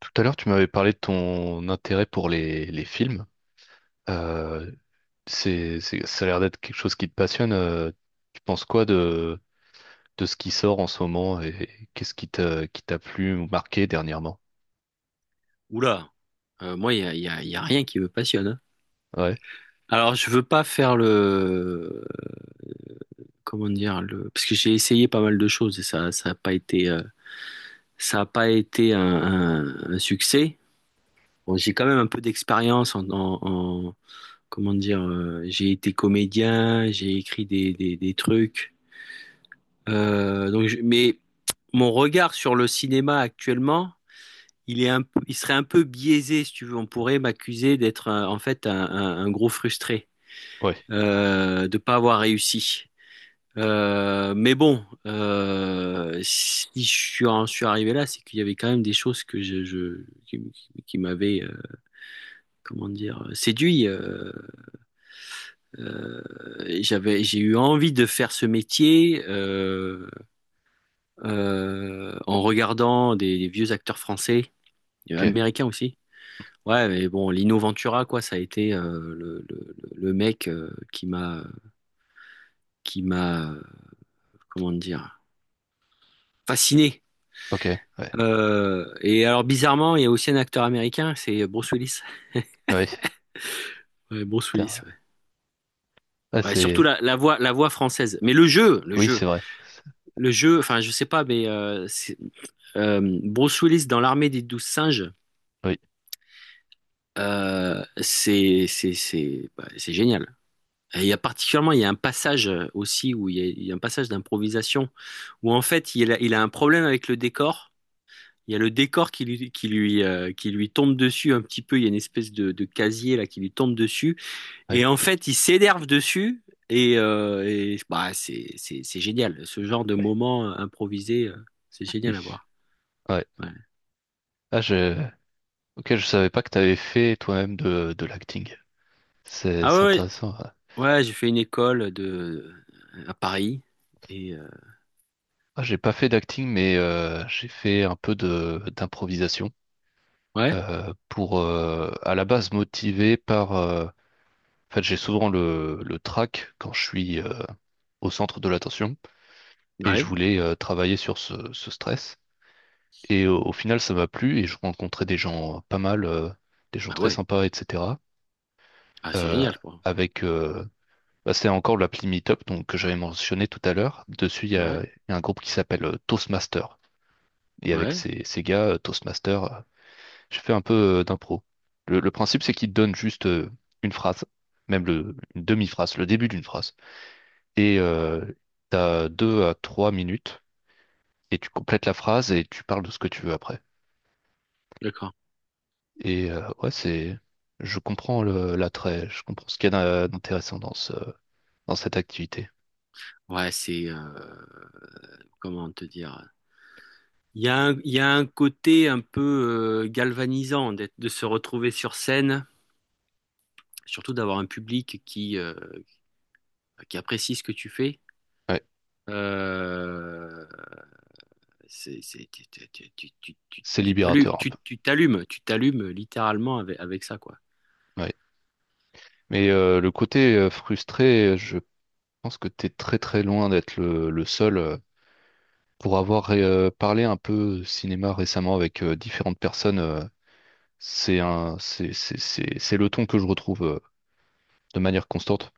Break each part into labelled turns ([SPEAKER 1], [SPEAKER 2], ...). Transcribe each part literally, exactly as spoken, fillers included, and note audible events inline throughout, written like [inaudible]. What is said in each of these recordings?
[SPEAKER 1] Tout à l'heure, tu m'avais parlé de ton intérêt pour les, les films. Euh, c'est, c'est- ça a l'air d'être quelque chose qui te passionne. euh, tu penses quoi de, de ce qui sort en ce moment et qu'est-ce qui t'a, qui t'a plu ou marqué dernièrement?
[SPEAKER 2] Oula, Euh, moi, il y a, y a- y a rien qui me passionne, hein.
[SPEAKER 1] Ouais,
[SPEAKER 2] Alors, je veux pas faire le, comment dire, le, parce que j'ai essayé pas mal de choses et ça, ça a pas été, euh, ça a pas été un, un- un succès. Bon, j'ai quand même un peu d'expérience en, en- en- comment dire, euh, j'ai été comédien, j'ai écrit des, des, des trucs. Euh, donc, je- mais mon regard sur le cinéma actuellement, il est un, peu- il serait un peu biaisé, si tu veux. On pourrait m'accuser d'être, euh, en fait, un un- un gros frustré,
[SPEAKER 1] ouais,
[SPEAKER 2] euh, de pas avoir réussi. Euh, mais bon, euh, si je suis, en suis arrivé là, c'est qu'il y avait quand même des choses que je, je qui, qui- qui m'avaient, euh, comment dire, séduit. euh, euh, j'avais, j'ai eu envie de faire ce métier, euh, euh, en regardant des, des vieux acteurs français, euh,
[SPEAKER 1] ok,
[SPEAKER 2] américains aussi. Ouais, mais bon, Lino Ventura, quoi, ça a été, euh, le, le, le mec, euh, qui m'a, qui m'a, comment dire, fasciné.
[SPEAKER 1] ok, ouais,
[SPEAKER 2] Euh, et alors bizarrement, il y a aussi un acteur américain, c'est Bruce Willis.
[SPEAKER 1] ouais,
[SPEAKER 2] Ouais, Bruce Willis, ouais.
[SPEAKER 1] putain. Ah,
[SPEAKER 2] Ouais, surtout
[SPEAKER 1] c'est,
[SPEAKER 2] la, la voix, la voix française. Mais le jeu, le
[SPEAKER 1] oui, c'est
[SPEAKER 2] jeu,
[SPEAKER 1] vrai,
[SPEAKER 2] le jeu. Enfin, je sais pas, mais euh, c'est- euh, Bruce Willis dans l'armée des douze singes,
[SPEAKER 1] oui,
[SPEAKER 2] euh, c'est c'est c'est bah, c'est génial. Et il y a particulièrement, il y a un passage, euh, aussi, où il y a, il y a un passage d'improvisation où en fait il a, il a un problème avec le décor. Il y a le décor qui lui qui lui euh, qui lui tombe dessus un petit peu. Il y a une espèce de, de casier là qui lui tombe dessus.
[SPEAKER 1] ouais,
[SPEAKER 2] Et en fait, ils s'énervent dessus, et, euh, et, bah, c'est, c'est, c'est génial. Ce genre de
[SPEAKER 1] ouais,
[SPEAKER 2] moment, euh, improvisé, euh, c'est génial à
[SPEAKER 1] oui,
[SPEAKER 2] voir.
[SPEAKER 1] ouais.
[SPEAKER 2] Ouais.
[SPEAKER 1] Ah, je, ok, je savais pas que t'avais fait toi-même de, de l'acting. C'est
[SPEAKER 2] Ah ouais,
[SPEAKER 1] c'est
[SPEAKER 2] ouais,
[SPEAKER 1] intéressant. Ouais.
[SPEAKER 2] ouais, j'ai fait une école de, euh, à Paris, et euh,
[SPEAKER 1] Ah, j'ai pas fait d'acting, mais euh, j'ai fait un peu de d'improvisation
[SPEAKER 2] ouais,
[SPEAKER 1] euh, pour euh, à la base motivé par. euh, en fait, j'ai souvent le le trac quand je suis euh, au centre de l'attention et je
[SPEAKER 2] ouais,
[SPEAKER 1] voulais euh, travailler sur ce, ce stress. Et au, au final, ça m'a plu et je rencontrais des gens pas mal, euh, des gens
[SPEAKER 2] ah
[SPEAKER 1] très
[SPEAKER 2] ouais,
[SPEAKER 1] sympas, et cetera.
[SPEAKER 2] ah c'est
[SPEAKER 1] Euh,
[SPEAKER 2] génial, quoi.
[SPEAKER 1] avec euh, bah, c'est encore l'appli Meetup donc que j'avais mentionné tout à l'heure. Dessus, il y
[SPEAKER 2] Ouais,
[SPEAKER 1] a, il y a un groupe qui s'appelle euh, Toastmaster. Et avec
[SPEAKER 2] ouais,
[SPEAKER 1] ces, ces gars, euh, Toastmaster. euh, Je fais un peu euh, d'impro. Le, le principe, c'est qu'il te donne juste euh, une phrase, même le, une demi-phrase, le début d'une phrase. Et euh, t'as deux à trois minutes, et tu complètes la phrase et tu parles de ce que tu veux après.
[SPEAKER 2] d'accord.
[SPEAKER 1] Et euh, ouais, c'est. Je comprends le- l'attrait, je comprends ce qu'il y a d'in- d'intéressant dans ce, dans cette activité.
[SPEAKER 2] Ouais, c'est, euh, comment te dire. Il y a un, il y a un côté un peu, euh, galvanisant d'être, de se retrouver sur scène, surtout d'avoir un public qui euh, qui apprécie ce que tu fais.
[SPEAKER 1] Ouais.
[SPEAKER 2] Euh, c'est, c'est, tu, tu, tu, tu, tu,
[SPEAKER 1] C'est
[SPEAKER 2] tu- t'allumes,
[SPEAKER 1] libérateur un
[SPEAKER 2] tu
[SPEAKER 1] peu.
[SPEAKER 2] tu t'allumes, tu t'allumes littéralement avec, avec ça, quoi.
[SPEAKER 1] Ouais. Mais euh, le côté euh, frustré, je pense que t'es très très loin d'être le, le seul. euh, Pour avoir euh, parlé un peu cinéma récemment avec euh, différentes personnes, euh, c'est un, c'est, c'est, c'est, c'est le ton que je retrouve euh, de manière constante.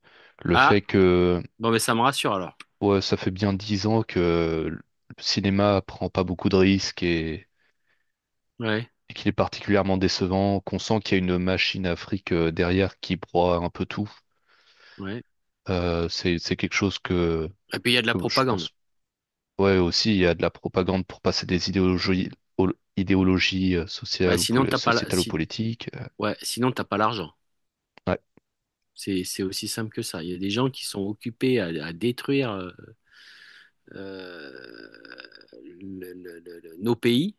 [SPEAKER 1] Le
[SPEAKER 2] Ah,
[SPEAKER 1] fait que,
[SPEAKER 2] bon, mais ça me rassure alors.
[SPEAKER 1] ouais, ça fait bien dix ans que le cinéma prend pas beaucoup de risques et,
[SPEAKER 2] Ouais,
[SPEAKER 1] et qu'il est particulièrement décevant, qu'on sent qu'il y a une machine à fric euh, derrière qui broie un peu tout.
[SPEAKER 2] ouais.
[SPEAKER 1] Euh, c'est, c'est quelque chose que
[SPEAKER 2] Et puis il y a de la
[SPEAKER 1] Euh, Je
[SPEAKER 2] propagande.
[SPEAKER 1] pense, ouais, aussi, il y a de la propagande pour passer des idéologies, ol- idéologies euh,
[SPEAKER 2] Bah,
[SPEAKER 1] sociales ou
[SPEAKER 2] sinon,
[SPEAKER 1] poli-
[SPEAKER 2] t'as pas, la-
[SPEAKER 1] sociétales ou
[SPEAKER 2] si,
[SPEAKER 1] politiques. euh.
[SPEAKER 2] ouais, sinon, t'as pas l'argent.
[SPEAKER 1] Ouais,
[SPEAKER 2] C'est, c'est aussi simple que ça. Il y a des gens qui sont occupés à, à détruire, euh, euh, le- le- le- le- nos pays.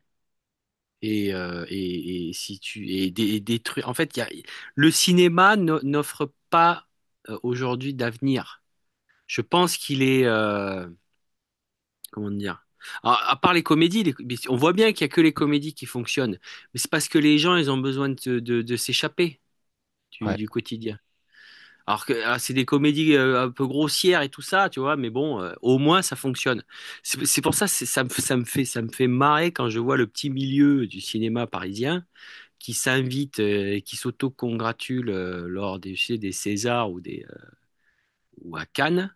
[SPEAKER 2] Et, euh, et, et si tu et des, et des en fait il y a, le cinéma no- n'offre pas, euh, aujourd'hui, d'avenir. Je pense qu'il est, euh, comment dire, à, à part les comédies, les- mais on voit bien qu'il y a que les comédies qui fonctionnent, mais c'est parce que les gens ils ont besoin de, se- de, de s'échapper du,
[SPEAKER 1] ouais,
[SPEAKER 2] du quotidien, alors que, ah, c'est des comédies, euh, un peu grossières et tout ça, tu vois, mais bon, euh, au moins ça fonctionne. C'est c'est pour ça, c'est- ça me, ça me fait ça me fait marrer quand je vois le petit milieu du cinéma parisien qui s'invitent, euh, et qui s'autocongratulent, euh, lors des, je sais, des Césars, ou, des, euh, ou à Cannes,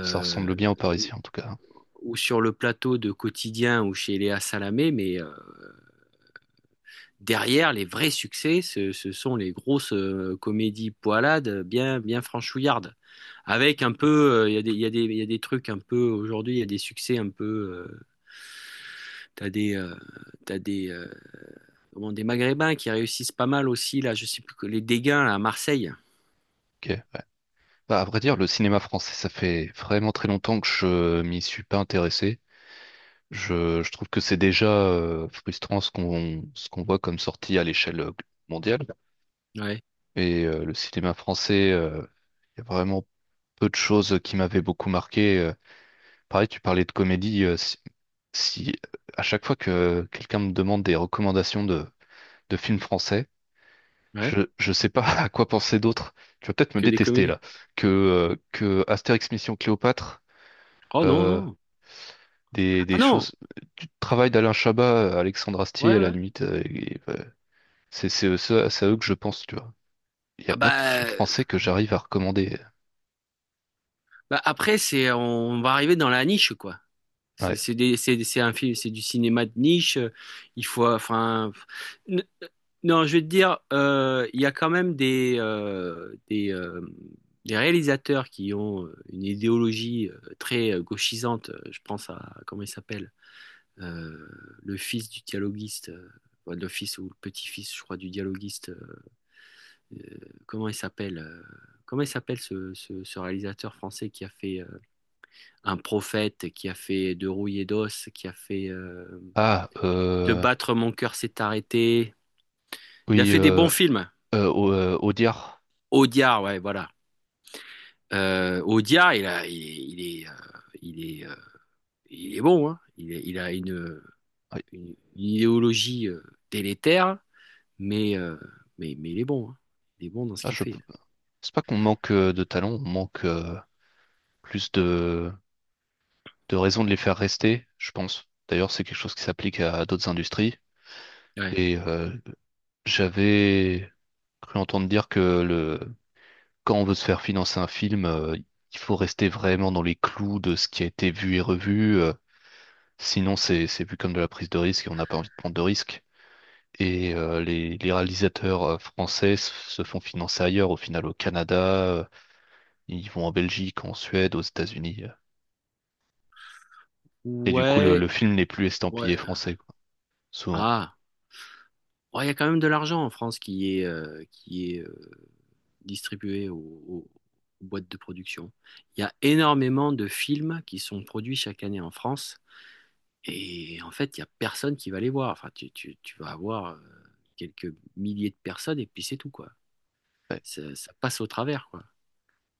[SPEAKER 1] ça ressemble bien aux
[SPEAKER 2] ou,
[SPEAKER 1] Parisiens, en tout cas, hein.
[SPEAKER 2] ou sur le plateau de Quotidien ou chez Léa Salamé, mais, euh, derrière, les vrais succès, ce, ce sont les grosses, euh, comédies poilades bien, bien franchouillardes. Avec un peu, euh, il euh, y a des, il y a des, il y a des trucs un peu, aujourd'hui, il y a des succès un peu, euh, t'as des, euh, t'as des, euh, comment, des Maghrébins qui réussissent pas mal aussi, là, je sais plus, que- les Dégains là, à Marseille.
[SPEAKER 1] Ok, ouais. Bah, à vrai dire, le cinéma français, ça fait vraiment très longtemps que je m'y suis pas intéressé. Je, je trouve que c'est déjà euh, frustrant ce qu'on ce qu'on voit comme sortie à l'échelle euh, mondiale.
[SPEAKER 2] Ouais,
[SPEAKER 1] Et euh, le cinéma français, euh, il y a vraiment peu de choses qui m'avaient beaucoup marqué. Euh, Pareil, tu parlais de comédie. euh, si à chaque fois que quelqu'un me demande des recommandations de, de films français,
[SPEAKER 2] ouais,
[SPEAKER 1] je je sais pas [laughs] à quoi penser d'autre. Tu vas peut-être me
[SPEAKER 2] que des
[SPEAKER 1] détester
[SPEAKER 2] comédies.
[SPEAKER 1] là. Que, euh, que Astérix Mission Cléopâtre,
[SPEAKER 2] Oh non,
[SPEAKER 1] euh,
[SPEAKER 2] non.
[SPEAKER 1] des,
[SPEAKER 2] Ah
[SPEAKER 1] des
[SPEAKER 2] non,
[SPEAKER 1] choses, du travail d'Alain Chabat, euh, Alexandre
[SPEAKER 2] ouais,
[SPEAKER 1] Astier à la
[SPEAKER 2] ouais.
[SPEAKER 1] limite, euh, et, euh, c'est c'est eux- c'est à c'est à eux que je pense, tu vois. Il n'y a
[SPEAKER 2] Ah
[SPEAKER 1] pas de film
[SPEAKER 2] bah,
[SPEAKER 1] français que j'arrive à recommander.
[SPEAKER 2] bah après, c'est, on va arriver dans la niche, quoi. C'est
[SPEAKER 1] Ouais.
[SPEAKER 2] c'est des- c'est- c'est un film, c'est du cinéma de niche, euh, il faut, enfin, n- non, je vais te dire, euh, il y a quand même des, euh, des, euh, des réalisateurs qui ont, euh, une idéologie, euh, très, euh, gauchisante. Euh, Je pense à, comment il s'appelle? Euh, le fils du dialoguiste, euh, ouais, le fils ou le petit-fils, je crois, du dialoguiste. euh, Comment il s'appelle, euh, comment il s'appelle ce, ce- ce réalisateur français qui a fait, euh, Un prophète, qui a fait De rouille et d'os, qui a fait, euh,
[SPEAKER 1] Ah,
[SPEAKER 2] De
[SPEAKER 1] euh,
[SPEAKER 2] battre mon cœur s'est arrêté. Il a
[SPEAKER 1] oui,
[SPEAKER 2] fait des
[SPEAKER 1] euh,
[SPEAKER 2] bons films.
[SPEAKER 1] euh, Au- euh, Audiard.
[SPEAKER 2] Audiard, ouais, voilà. Euh, Audiard, il a, il est, il est, euh, il est, euh, il est bon, hein. Il est- il a une,
[SPEAKER 1] Oui.
[SPEAKER 2] une- une idéologie, euh, délétère, mais, euh, mais, mais il est bon, hein. Il est bon dans ce
[SPEAKER 1] Ah,
[SPEAKER 2] qu'il
[SPEAKER 1] je
[SPEAKER 2] fait.
[SPEAKER 1] pense pas qu'on manque euh, de talent, on manque, euh, plus de, de raisons de les faire rester, je pense. D'ailleurs, c'est quelque chose qui s'applique à d'autres industries.
[SPEAKER 2] Ouais.
[SPEAKER 1] Et euh, j'avais cru entendre dire que le, quand on veut se faire financer un film, euh, il faut rester vraiment dans les clous de ce qui a été vu et revu. Euh, sinon, c'est, c'est vu comme de la prise de risque et on n'a pas envie de prendre de risques. Et euh, les, les réalisateurs euh, français s- se font financer ailleurs, au final au Canada, euh, ils vont en Belgique, en Suède, aux États-Unis. euh. Et du coup, le, le
[SPEAKER 2] Ouais.
[SPEAKER 1] film n'est plus
[SPEAKER 2] Ouais.
[SPEAKER 1] estampillé français, quoi. Sous-
[SPEAKER 2] Ah. Oh, il y a quand même de l'argent en France qui est, euh, qui est, euh, distribué aux, aux- aux boîtes de production. Il y a énormément de films qui sont produits chaque année en France, et en fait, il n'y a personne qui va les voir. Enfin, tu, tu- tu vas avoir, euh, quelques milliers de personnes, et puis c'est tout, quoi.
[SPEAKER 1] Ouais,
[SPEAKER 2] Ça, ça passe au travers, quoi.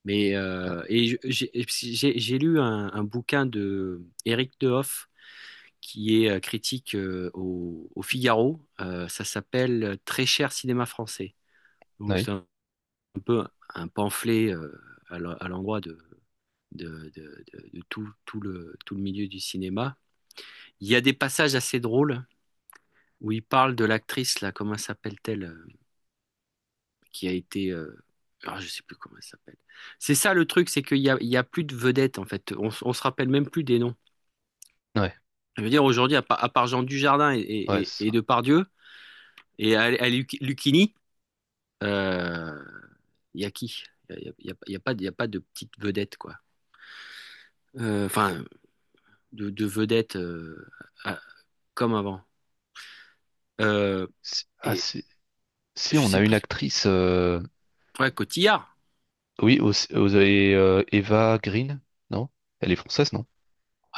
[SPEAKER 2] Mais,
[SPEAKER 1] ouais,
[SPEAKER 2] euh, et je- j'ai j'ai- j'ai lu un, un bouquin de Éric Dehoff qui est, euh, critique, euh, au, au Figaro. Euh, ça s'appelle Très cher cinéma français. Donc, c'est
[SPEAKER 1] oui,
[SPEAKER 2] un un peu un pamphlet, euh, à l'en- à l'endroit de, de, de- de- de tout, tout le, tout le milieu du cinéma. Il y a des passages assez drôles où il parle de l'actrice, là, comment s'appelle-t-elle, euh, qui a été, euh, ah, je sais plus comment elle s'appelle. C'est ça le truc, c'est qu'il y a, il y a plus de vedettes, en fait. On, s- on se rappelle même plus des noms.
[SPEAKER 1] ouais,
[SPEAKER 2] Je veux dire, aujourd'hui, à, pa- à part Jean Dujardin, et, et,
[SPEAKER 1] ouais,
[SPEAKER 2] et-
[SPEAKER 1] c'est
[SPEAKER 2] et
[SPEAKER 1] ça.
[SPEAKER 2] Depardieu, et à, à Lu- Lucchini, euh, il y a qui? Il n'y a, il y a- il y a pas, de- il y a pas de petite vedette, quoi. Euh, Enfin, de, de vedettes, euh, à- comme avant. Euh,
[SPEAKER 1] Si, ah,
[SPEAKER 2] et
[SPEAKER 1] si, si,
[SPEAKER 2] je
[SPEAKER 1] on
[SPEAKER 2] sais
[SPEAKER 1] a une
[SPEAKER 2] plus,
[SPEAKER 1] actrice, euh,
[SPEAKER 2] ouais, Cotillard.
[SPEAKER 1] oui, aussi- vous avez euh, Eva Green, non? Elle est française, non?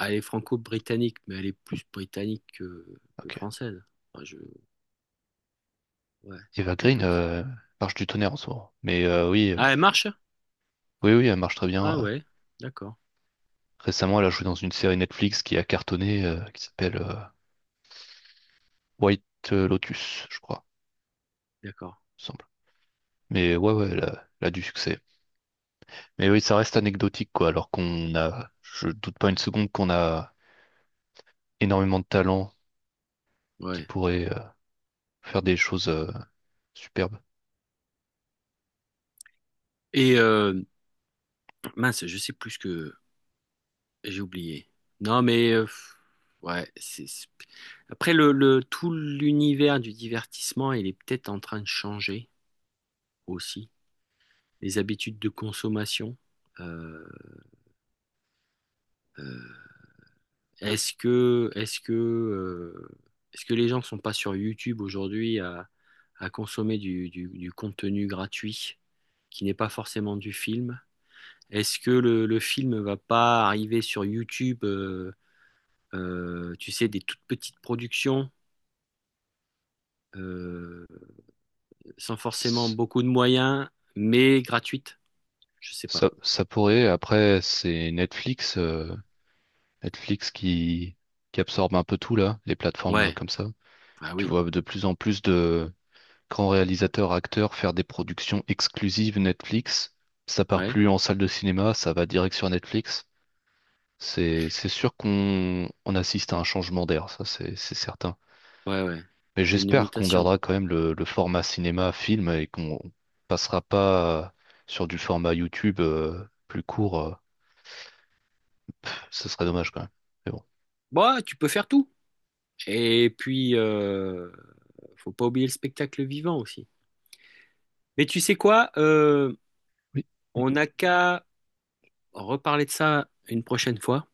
[SPEAKER 2] Elle est franco-britannique, mais elle est plus britannique que, que
[SPEAKER 1] Ok.
[SPEAKER 2] française. Enfin, je, ouais,
[SPEAKER 1] Eva Green
[SPEAKER 2] écoute.
[SPEAKER 1] euh, marche du tonnerre en ce moment. Mais euh, oui, euh,
[SPEAKER 2] Ah, elle marche?
[SPEAKER 1] oui, oui, elle marche très bien.
[SPEAKER 2] Ah ouais, d'accord,
[SPEAKER 1] Récemment, elle a joué dans une série Netflix qui a cartonné, euh, qui s'appelle euh, White Lotus, je crois,
[SPEAKER 2] d'accord,
[SPEAKER 1] il me semble. Mais ouais, ouais, elle a, elle a du succès. Mais oui, ça reste anecdotique, quoi, alors qu'on a, je doute pas une seconde qu'on a énormément de talent qui
[SPEAKER 2] ouais.
[SPEAKER 1] pourrait euh, faire des choses euh, superbes.
[SPEAKER 2] Et, euh, mince, je sais plus ce que j'ai oublié. Non, mais, euh, ouais, c'est c'est- après le, le tout l'univers du divertissement, il est peut-être en train de changer aussi. Les habitudes de consommation. Euh, euh, Est-ce que, est-ce que, euh, est-ce que les gens ne sont pas sur YouTube aujourd'hui à, à consommer du, du- du contenu gratuit qui n'est pas forcément du film? Est-ce que le, le film ne va pas arriver sur YouTube, euh, euh, tu sais, des toutes petites productions, euh, sans forcément
[SPEAKER 1] S-
[SPEAKER 2] beaucoup de moyens, mais gratuites? Je sais pas.
[SPEAKER 1] Ça, ça pourrait, après, c'est Netflix, euh, Netflix qui, qui absorbe un peu tout là, les plateformes euh,
[SPEAKER 2] Ouais,
[SPEAKER 1] comme ça.
[SPEAKER 2] ah
[SPEAKER 1] Tu
[SPEAKER 2] oui,
[SPEAKER 1] vois de plus en plus de grands réalisateurs, acteurs faire des productions exclusives Netflix. Ça part
[SPEAKER 2] ouais,
[SPEAKER 1] plus en salle de cinéma, ça va direct sur Netflix. C'est, c'est sûr qu'on on assiste à un changement d'air, ça c'est c'est certain.
[SPEAKER 2] ouais, ouais.
[SPEAKER 1] Mais
[SPEAKER 2] Il y a une
[SPEAKER 1] j'espère qu'on
[SPEAKER 2] mutation.
[SPEAKER 1] gardera quand même le, le format cinéma-film et qu'on passera pas euh, sur du format YouTube euh, plus court. euh, ce serait dommage quand même. Mais bon.
[SPEAKER 2] Bah, tu peux faire tout. Et puis, euh, faut pas oublier le spectacle vivant aussi. Mais tu sais quoi? Euh,
[SPEAKER 1] Oui.
[SPEAKER 2] on n'a qu'à reparler de ça une prochaine fois.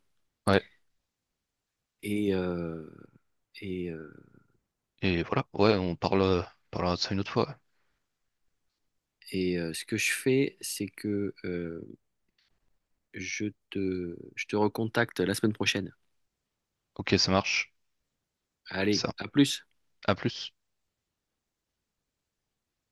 [SPEAKER 1] Ouais,
[SPEAKER 2] Et, euh, et, euh,
[SPEAKER 1] et voilà. Ouais, on parle, euh, parlera de ça une autre fois. Ouais.
[SPEAKER 2] et, euh, Ce que je fais, c'est que, euh, je te, je te recontacte la semaine prochaine.
[SPEAKER 1] Ok, ça marche.
[SPEAKER 2] Allez,
[SPEAKER 1] Ça.
[SPEAKER 2] à plus.
[SPEAKER 1] À plus.